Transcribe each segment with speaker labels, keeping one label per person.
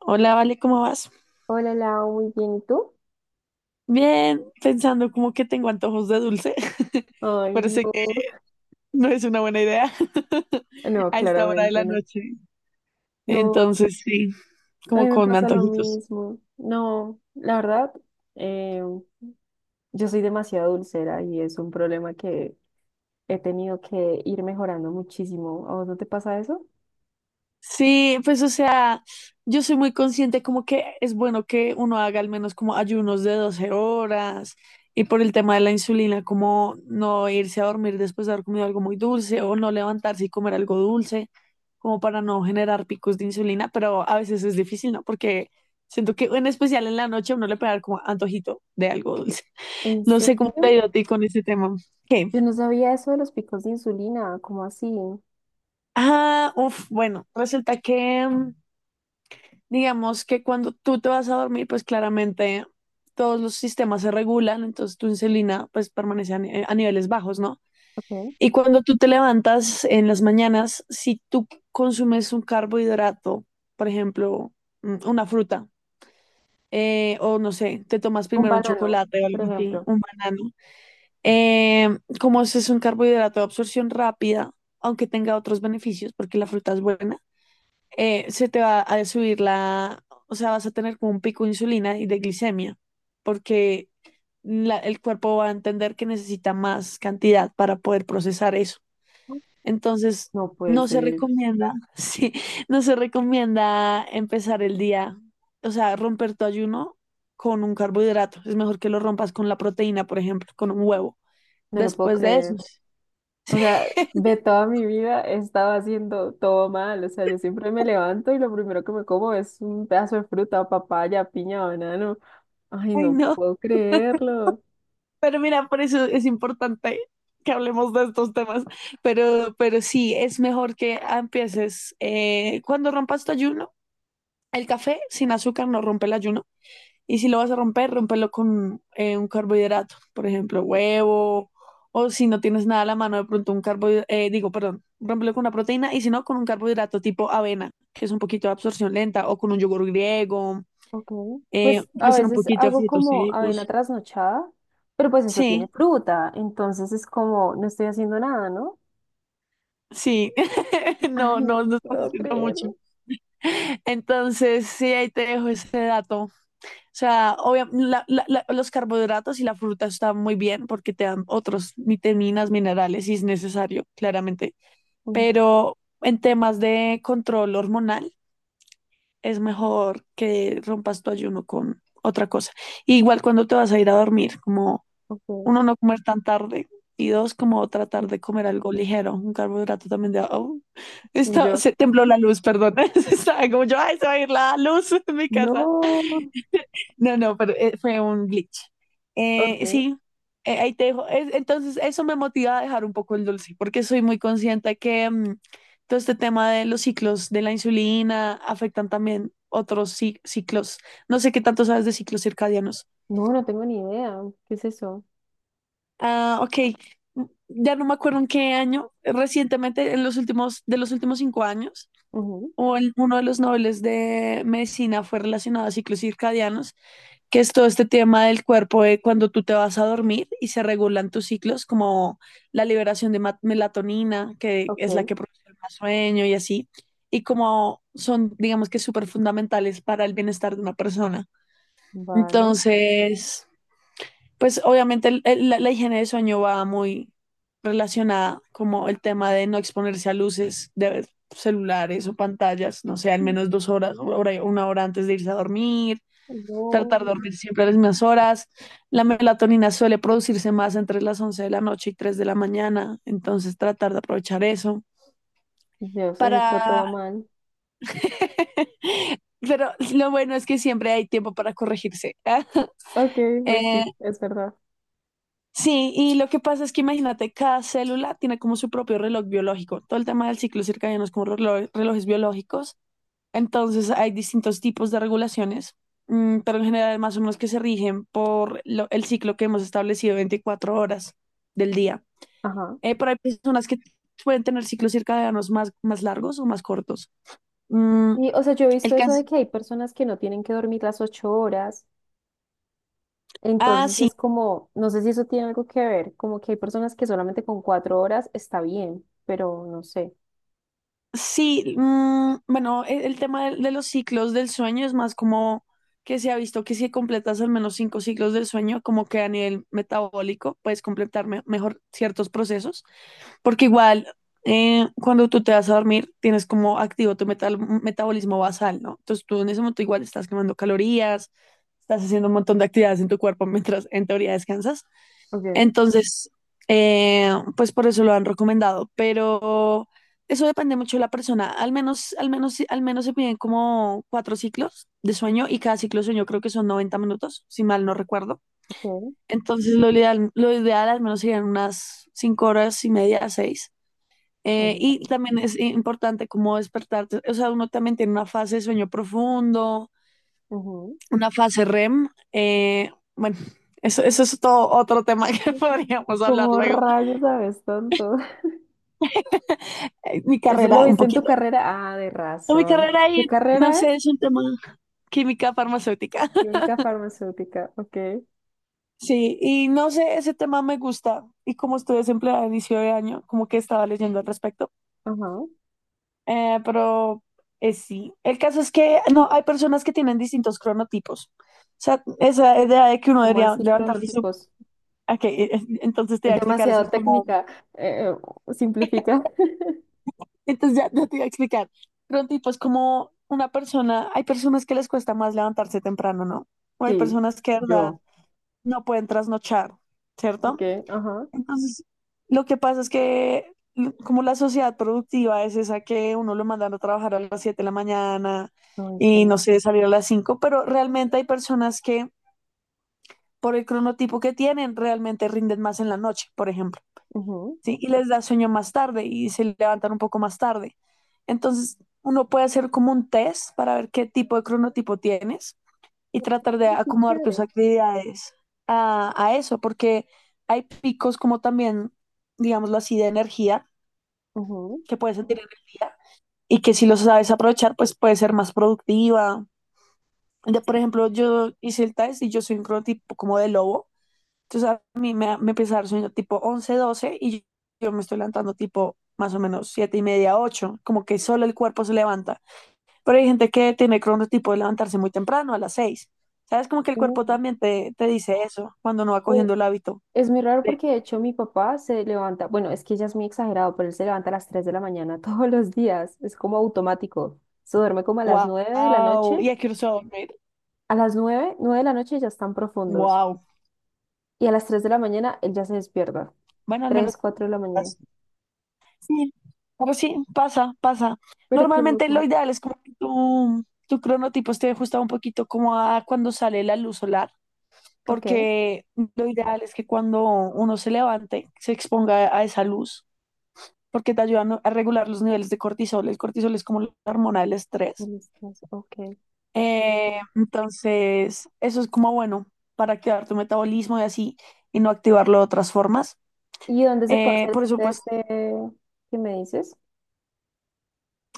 Speaker 1: Hola, Vale, ¿cómo vas?
Speaker 2: Hola, Lau, muy bien. ¿Y tú?
Speaker 1: Bien, pensando como que tengo antojos de dulce.
Speaker 2: Ay,
Speaker 1: Parece que
Speaker 2: no.
Speaker 1: no es una buena idea
Speaker 2: No,
Speaker 1: a esta hora de la
Speaker 2: claramente no.
Speaker 1: noche.
Speaker 2: No,
Speaker 1: Entonces, sí,
Speaker 2: a
Speaker 1: como
Speaker 2: mí me
Speaker 1: con
Speaker 2: pasa lo
Speaker 1: antojitos.
Speaker 2: mismo. No, la verdad, eh, yo soy demasiado dulcera y es un problema que he tenido que ir mejorando muchísimo. ¿A vos no te pasa eso?
Speaker 1: Sí, pues o sea, yo soy muy consciente como que es bueno que uno haga al menos como ayunos de 12 horas y por el tema de la insulina, como no irse a dormir después de haber comido algo muy dulce o no levantarse y comer algo dulce, como para no generar picos de insulina, pero a veces es difícil, ¿no? Porque siento que en especial en la noche a uno le puede dar como antojito de algo dulce.
Speaker 2: ¿En
Speaker 1: No
Speaker 2: serio?
Speaker 1: sé cómo te ha ido a ti con este tema. ¿Qué?
Speaker 2: Yo no sabía eso de los picos de insulina. ¿Cómo así?
Speaker 1: Ah, uff, bueno, resulta que. Digamos que cuando tú te vas a dormir, pues claramente todos los sistemas se regulan, entonces tu insulina pues permanece a niveles bajos, ¿no?
Speaker 2: ¿Qué?
Speaker 1: Y cuando tú te levantas en las mañanas, si tú consumes un carbohidrato, por ejemplo, una fruta, o no sé, te tomas
Speaker 2: Un
Speaker 1: primero un
Speaker 2: banano,
Speaker 1: chocolate o
Speaker 2: por
Speaker 1: algo así,
Speaker 2: ejemplo.
Speaker 1: un banano, eh, como ese es un carbohidrato de absorción rápida, aunque tenga otros beneficios, porque la fruta es buena, se te va a subir la, o sea, vas a tener como un pico de insulina y de glicemia, porque el cuerpo va a entender que necesita más cantidad para poder procesar eso. Entonces,
Speaker 2: No puede
Speaker 1: no se
Speaker 2: ser,
Speaker 1: recomienda, sí, no se recomienda empezar el día, o sea, romper tu ayuno con un carbohidrato. Es mejor que lo rompas con la proteína, por ejemplo, con un huevo.
Speaker 2: no lo puedo
Speaker 1: Después de eso.
Speaker 2: creer. O sea, de toda mi vida he estado haciendo todo mal. O sea, yo siempre me levanto y lo primero que me como es un pedazo de fruta, papaya, piña, banano. Ay,
Speaker 1: Ay,
Speaker 2: no
Speaker 1: no.
Speaker 2: puedo creerlo.
Speaker 1: Pero mira, por eso es importante que hablemos de estos temas. Pero sí, es mejor que empieces cuando rompas tu ayuno. El café sin azúcar no rompe el ayuno. Y si lo vas a romper, rompelo con un carbohidrato, por ejemplo, huevo, o si no tienes nada a la mano, de pronto un carbohidrato, digo, perdón, rompelo con una proteína, y si no, con un carbohidrato tipo avena, que es un poquito de absorción lenta, o con un yogur griego,
Speaker 2: Ok. Pues a
Speaker 1: puede ser un
Speaker 2: veces
Speaker 1: poquito de
Speaker 2: hago
Speaker 1: frutos
Speaker 2: como avena
Speaker 1: secos.
Speaker 2: trasnochada, pero pues eso tiene
Speaker 1: Sí.
Speaker 2: fruta. Entonces es como, no estoy haciendo nada, ¿no?
Speaker 1: Sí, no,
Speaker 2: Ay,
Speaker 1: no,
Speaker 2: no
Speaker 1: no estás
Speaker 2: puedo
Speaker 1: haciendo mucho.
Speaker 2: creerlo.
Speaker 1: Entonces, sí, ahí te dejo ese dato. O sea, obviamente, los carbohidratos y la fruta están muy bien porque te dan otros vitaminas, minerales, si es necesario, claramente.
Speaker 2: Mm,
Speaker 1: Pero en temas de control hormonal, es mejor que rompas tu ayuno con otra cosa. Igual cuando te vas a ir a dormir, como
Speaker 2: ok.
Speaker 1: uno, no comer tan tarde y dos, como tratar de comer algo ligero, un carbohidrato también de, oh,
Speaker 2: Yo,
Speaker 1: se tembló la luz, perdón. Estaba como yo, ay, se va a ir la luz en mi casa.
Speaker 2: no.
Speaker 1: No, no, pero fue un glitch.
Speaker 2: Ok.
Speaker 1: Sí, ahí te dejo. Entonces, eso me motiva a dejar un poco el dulce, porque soy muy consciente que todo este tema de los ciclos de la insulina afectan también otros ciclos. No sé qué tanto sabes de ciclos circadianos.
Speaker 2: No, no tengo ni idea. ¿Qué es eso?
Speaker 1: Ah, ok. Ya no me acuerdo en qué año, recientemente, de los últimos 5 años,
Speaker 2: Ujú.
Speaker 1: o en uno de los nobles de medicina fue relacionado a ciclos circadianos, que es todo este tema del cuerpo de cuando tú te vas a dormir y se regulan tus ciclos, como la liberación de melatonina, que
Speaker 2: Ok,
Speaker 1: es la que produce más sueño y así, y como son, digamos que súper fundamentales para el bienestar de una persona.
Speaker 2: vale.
Speaker 1: Entonces. Pues obviamente la higiene de sueño va muy relacionada como el tema de no exponerse a luces de celulares o pantallas, no sé, al menos 2 horas, una hora antes de irse a dormir, tratar
Speaker 2: No.
Speaker 1: de dormir siempre a las mismas horas. La melatonina suele producirse más entre las 11 de la noche y 3 de la mañana, entonces tratar de aprovechar eso
Speaker 2: Dios, he hecho todo
Speaker 1: para.
Speaker 2: mal.
Speaker 1: Pero lo bueno es que siempre hay tiempo para corregirse.
Speaker 2: Ok, pues
Speaker 1: Eh,
Speaker 2: sí, es verdad.
Speaker 1: Sí, y lo que pasa es que imagínate, cada célula tiene como su propio reloj biológico. Todo el tema del ciclo circadiano es como relojes biológicos. Entonces hay distintos tipos de regulaciones, pero en general más o menos que se rigen por el ciclo que hemos establecido, 24 horas del día.
Speaker 2: Ajá.
Speaker 1: Pero hay personas que pueden tener ciclos circadianos más largos o más cortos. Mm,
Speaker 2: Y, o sea, yo he
Speaker 1: el
Speaker 2: visto eso de
Speaker 1: caso.
Speaker 2: que hay personas que no tienen que dormir las 8 horas.
Speaker 1: Ah,
Speaker 2: Entonces
Speaker 1: sí.
Speaker 2: es como, no sé si eso tiene algo que ver, como que hay personas que solamente con 4 horas está bien, pero no sé.
Speaker 1: Sí, bueno, el tema de los ciclos del sueño es más como que se ha visto que si completas al menos cinco ciclos del sueño, como que a nivel metabólico puedes completar mejor ciertos procesos, porque igual cuando tú te vas a dormir tienes como activo tu metabolismo basal, ¿no? Entonces tú en ese momento igual estás quemando calorías, estás haciendo un montón de actividades en tu cuerpo mientras en teoría descansas.
Speaker 2: Okay,
Speaker 1: Entonces, pues por eso lo han recomendado, pero eso depende mucho de la persona. Al menos, al menos, al menos se piden como cuatro ciclos de sueño y cada ciclo de sueño creo que son 90 minutos, si mal no recuerdo.
Speaker 2: okay.
Speaker 1: Entonces, lo ideal al menos serían unas 5 horas y media, seis. Y también es importante como despertarte, o sea, uno también tiene una fase de sueño profundo,
Speaker 2: Ujú.
Speaker 1: una fase REM. Bueno, eso es todo otro tema que
Speaker 2: Ujú.
Speaker 1: podríamos hablar
Speaker 2: Como
Speaker 1: luego.
Speaker 2: rayos sabes tanto?
Speaker 1: Mi
Speaker 2: ¿Eso lo
Speaker 1: carrera, un
Speaker 2: viste en tu
Speaker 1: poquito.
Speaker 2: carrera? Ah, de
Speaker 1: No, mi
Speaker 2: razón.
Speaker 1: carrera y
Speaker 2: ¿Qué
Speaker 1: no
Speaker 2: carrera es?
Speaker 1: sé, es un tema química farmacéutica.
Speaker 2: Química farmacéutica, ok.
Speaker 1: Sí, y no sé, ese tema me gusta. Y como estoy desempleada a inicio de año, como que estaba leyendo al respecto.
Speaker 2: Ajá.
Speaker 1: Pero sí, el caso es que no, hay personas que tienen distintos cronotipos. O sea, esa idea de que uno
Speaker 2: ¿Cómo
Speaker 1: debería
Speaker 2: así
Speaker 1: levantarse su.
Speaker 2: cronotipos?
Speaker 1: Ok, entonces te voy
Speaker 2: Es
Speaker 1: a explicar, eso
Speaker 2: demasiado
Speaker 1: es como.
Speaker 2: técnica. eh, simplifica.
Speaker 1: Entonces ya, ya te voy a explicar. Cronotipo es como una persona, hay personas que les cuesta más levantarse temprano, ¿no? O hay
Speaker 2: Sí,
Speaker 1: personas que, de verdad,
Speaker 2: yo.
Speaker 1: no pueden trasnochar, ¿cierto?
Speaker 2: Ok, ajá.
Speaker 1: Entonces, lo que pasa es que como la sociedad productiva es esa que uno lo mandan a trabajar a las 7 de la mañana
Speaker 2: Ay, sí.
Speaker 1: y no sé, salir a las 5, pero realmente hay personas que por el cronotipo que tienen realmente rinden más en la noche, por ejemplo,
Speaker 2: Ujú.
Speaker 1: ¿sí? Y les da sueño más tarde y se levantan un poco más tarde. Entonces, uno puede hacer como un test para ver qué tipo de cronotipo tienes y tratar de
Speaker 2: Ay, qué
Speaker 1: acomodar tus
Speaker 2: chévere.
Speaker 1: actividades a eso, porque hay picos como también, digámoslo así, de energía,
Speaker 2: Ujú.
Speaker 1: que puedes sentir energía y que si lo sabes aprovechar, pues puedes ser más productiva. Por ejemplo, yo hice el test y yo soy un cronotipo como de lobo, entonces a mí me empieza a dar sueño tipo 11, 12 y yo me estoy levantando tipo más o menos 7:30, 8 como que solo el cuerpo se levanta. Pero hay gente que tiene el cronotipo de levantarse muy temprano, a las 6. ¿Sabes? Como que el cuerpo
Speaker 2: Mm,
Speaker 1: también te dice eso cuando no va
Speaker 2: eh,
Speaker 1: cogiendo el hábito.
Speaker 2: Es muy raro
Speaker 1: De,
Speaker 2: porque de hecho mi papá se levanta, bueno, es que ya es muy exagerado, pero él se levanta a las 3 de la mañana todos los días, es como automático. Se duerme como a las 9 de la
Speaker 1: wow,
Speaker 2: noche.
Speaker 1: y aquí usó dormir.
Speaker 2: A las 9, 9 de la noche ya están profundos.
Speaker 1: Wow.
Speaker 2: Y a las 3 de la mañana él ya se despierta.
Speaker 1: Bueno, al menos.
Speaker 2: 3, 4 de la mañana.
Speaker 1: Pasa. Sí, pero sí, pasa, pasa.
Speaker 2: Pero qué
Speaker 1: Normalmente lo
Speaker 2: loco.
Speaker 1: ideal es como que tu cronotipo esté ajustado un poquito como a cuando sale la luz solar,
Speaker 2: Ok, a
Speaker 1: porque lo ideal es que cuando uno se levante, se exponga a esa luz porque te ayudan a regular los niveles de cortisol. El cortisol es como la hormona del estrés.
Speaker 2: las 3, ok.
Speaker 1: Entonces, eso es como bueno para activar tu metabolismo y así, y no activarlo de otras formas.
Speaker 2: ¿Y dónde se puede hacer
Speaker 1: Por
Speaker 2: ese
Speaker 1: eso, pues,
Speaker 2: test que me dices?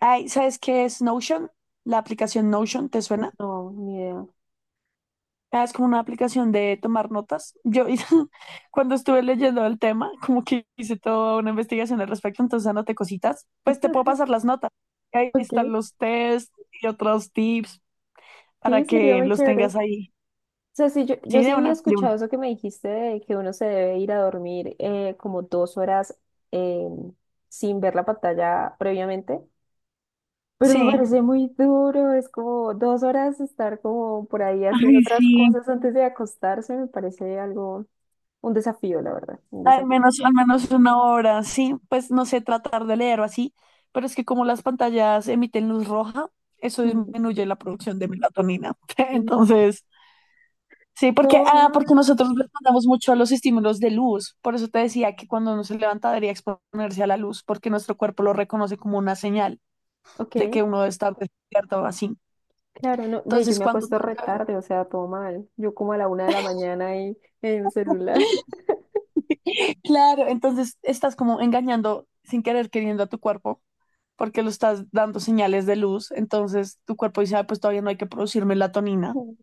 Speaker 1: ay, ¿sabes qué es Notion? La aplicación Notion, ¿te suena?
Speaker 2: No, ni idea. O
Speaker 1: Ah, es como una aplicación de tomar notas. Yo cuando estuve leyendo el tema, como que hice toda una investigación al respecto, entonces anoté cositas. Pues te puedo pasar las notas. Ahí
Speaker 2: Ok,
Speaker 1: están los tests y otros tips
Speaker 2: sí,
Speaker 1: para
Speaker 2: sería
Speaker 1: que
Speaker 2: muy
Speaker 1: los
Speaker 2: chévere.
Speaker 1: tengas
Speaker 2: O
Speaker 1: ahí.
Speaker 2: sea, sí, yo,
Speaker 1: Sí,
Speaker 2: yo sí
Speaker 1: de
Speaker 2: había
Speaker 1: una, de una.
Speaker 2: escuchado eso que me dijiste de que uno se debe ir a dormir como 2 horas, eh, sin ver la pantalla previamente. Pero me
Speaker 1: Sí.
Speaker 2: parece muy duro, es como 2 horas estar como por ahí haciendo
Speaker 1: Ay,
Speaker 2: otras
Speaker 1: sí.
Speaker 2: cosas antes de acostarse, me parece algo, un desafío, la verdad, un desafío.
Speaker 1: Al menos una hora, sí, pues no sé, tratar de leer o así, pero es que como las pantallas emiten luz roja, eso
Speaker 2: Mm,
Speaker 1: disminuye la producción de melatonina.
Speaker 2: no,
Speaker 1: Entonces, sí, porque,
Speaker 2: todo
Speaker 1: ah, porque
Speaker 2: mal.
Speaker 1: nosotros respondemos mucho a los estímulos de luz, por eso te decía que cuando uno se levanta debería exponerse a la luz, porque nuestro cuerpo lo reconoce como una señal
Speaker 2: Ok,
Speaker 1: de que uno está despierto o así.
Speaker 2: claro, no, ve, yo
Speaker 1: Entonces,
Speaker 2: me
Speaker 1: cuando
Speaker 2: acuesto
Speaker 1: tú
Speaker 2: re
Speaker 1: te.
Speaker 2: tarde, o sea, todo mal. Yo como a la 1 de la mañana ahí en el celular.
Speaker 1: Claro, entonces estás como engañando sin querer queriendo a tu cuerpo porque lo estás dando señales de luz, entonces tu cuerpo dice, "Ah, pues todavía no hay que producir melatonina".
Speaker 2: Mm.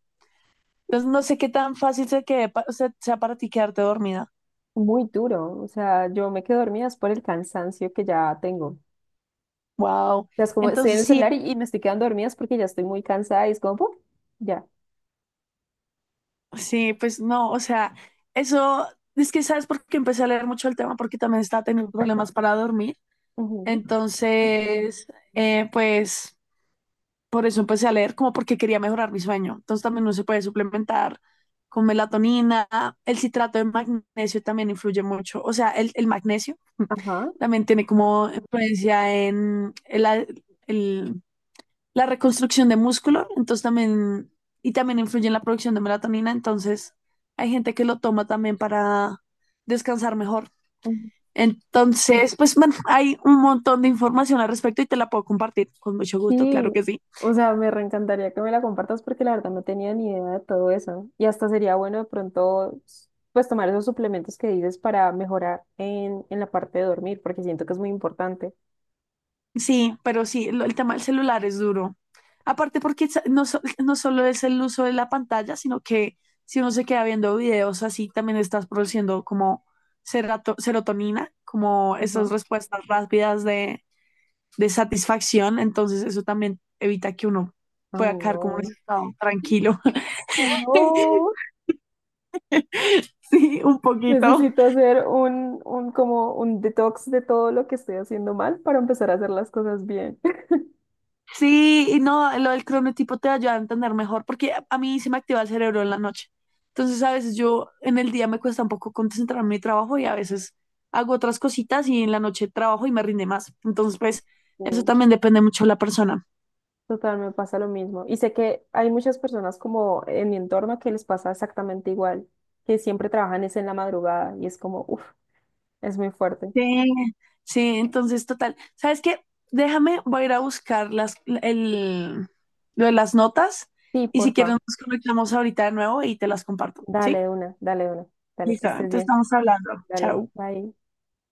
Speaker 1: Entonces no sé qué tan fácil se quede o sea, sea para ti quedarte dormida.
Speaker 2: Muy duro, o sea, yo me quedo dormida es por el cansancio que ya tengo. O
Speaker 1: Wow.
Speaker 2: sea, es como estoy en
Speaker 1: Entonces
Speaker 2: el
Speaker 1: sí,
Speaker 2: celular y me estoy quedando dormida es porque ya estoy muy cansada y es como, ¡pum! Ya.
Speaker 1: sí, pues no, o sea, eso es que sabes por qué empecé a leer mucho el tema porque también estaba teniendo problemas para dormir.
Speaker 2: Ujú.
Speaker 1: Entonces, pues por eso empecé a leer, como porque quería mejorar mi sueño. Entonces también uno se puede suplementar con melatonina, el citrato de magnesio también influye mucho, o sea, el magnesio
Speaker 2: Ajá.
Speaker 1: también tiene como influencia en el- la reconstrucción de músculo, entonces también, y también influye en la producción de melatonina, entonces hay gente que lo toma también para descansar mejor.
Speaker 2: Ujú.
Speaker 1: Entonces, pues bueno, hay un montón de información al respecto y te la puedo compartir con mucho gusto, claro
Speaker 2: Sí,
Speaker 1: que sí.
Speaker 2: o sea, me reencantaría que me la compartas porque la verdad no tenía ni idea de todo eso. Y hasta sería bueno de pronto, pues tomar esos suplementos que dices para mejorar en la parte de dormir, porque siento que es muy importante.
Speaker 1: Sí, pero sí, el tema del celular es duro. Aparte porque no, no solo es el uso de la pantalla, sino que si uno se queda viendo videos así, también estás produciendo como serotonina, como
Speaker 2: Ajá.
Speaker 1: esas respuestas rápidas de satisfacción. Entonces eso también evita que uno
Speaker 2: Ay,
Speaker 1: pueda quedar como en ese
Speaker 2: no.
Speaker 1: estado tranquilo.
Speaker 2: No,
Speaker 1: Sí, un poquito.
Speaker 2: necesito hacer un como un detox de todo lo que estoy haciendo mal para empezar a hacer las cosas bien.
Speaker 1: Sí, y no, lo del cronotipo te ayuda a entender mejor, porque a mí se me activa el cerebro en la noche. Entonces, a veces yo en el día me cuesta un poco concentrarme en mi trabajo y a veces hago otras cositas y en la noche trabajo y me rinde más. Entonces, pues, eso también depende mucho de la persona.
Speaker 2: Total, me pasa lo mismo. Y sé que hay muchas personas como en mi entorno que les pasa exactamente igual, que siempre trabajan es en la madrugada y es como, uff, es muy fuerte.
Speaker 1: Sí, sí, entonces, total. ¿Sabes qué? Déjame, voy a ir a buscar las, el, lo de las notas
Speaker 2: Sí,
Speaker 1: y si quieres
Speaker 2: porfa,
Speaker 1: nos conectamos ahorita de nuevo y te las comparto, ¿sí?
Speaker 2: dale una, dale una, dale, que
Speaker 1: Listo,
Speaker 2: estés
Speaker 1: entonces
Speaker 2: bien,
Speaker 1: estamos hablando.
Speaker 2: dale,
Speaker 1: Chao.
Speaker 2: bye.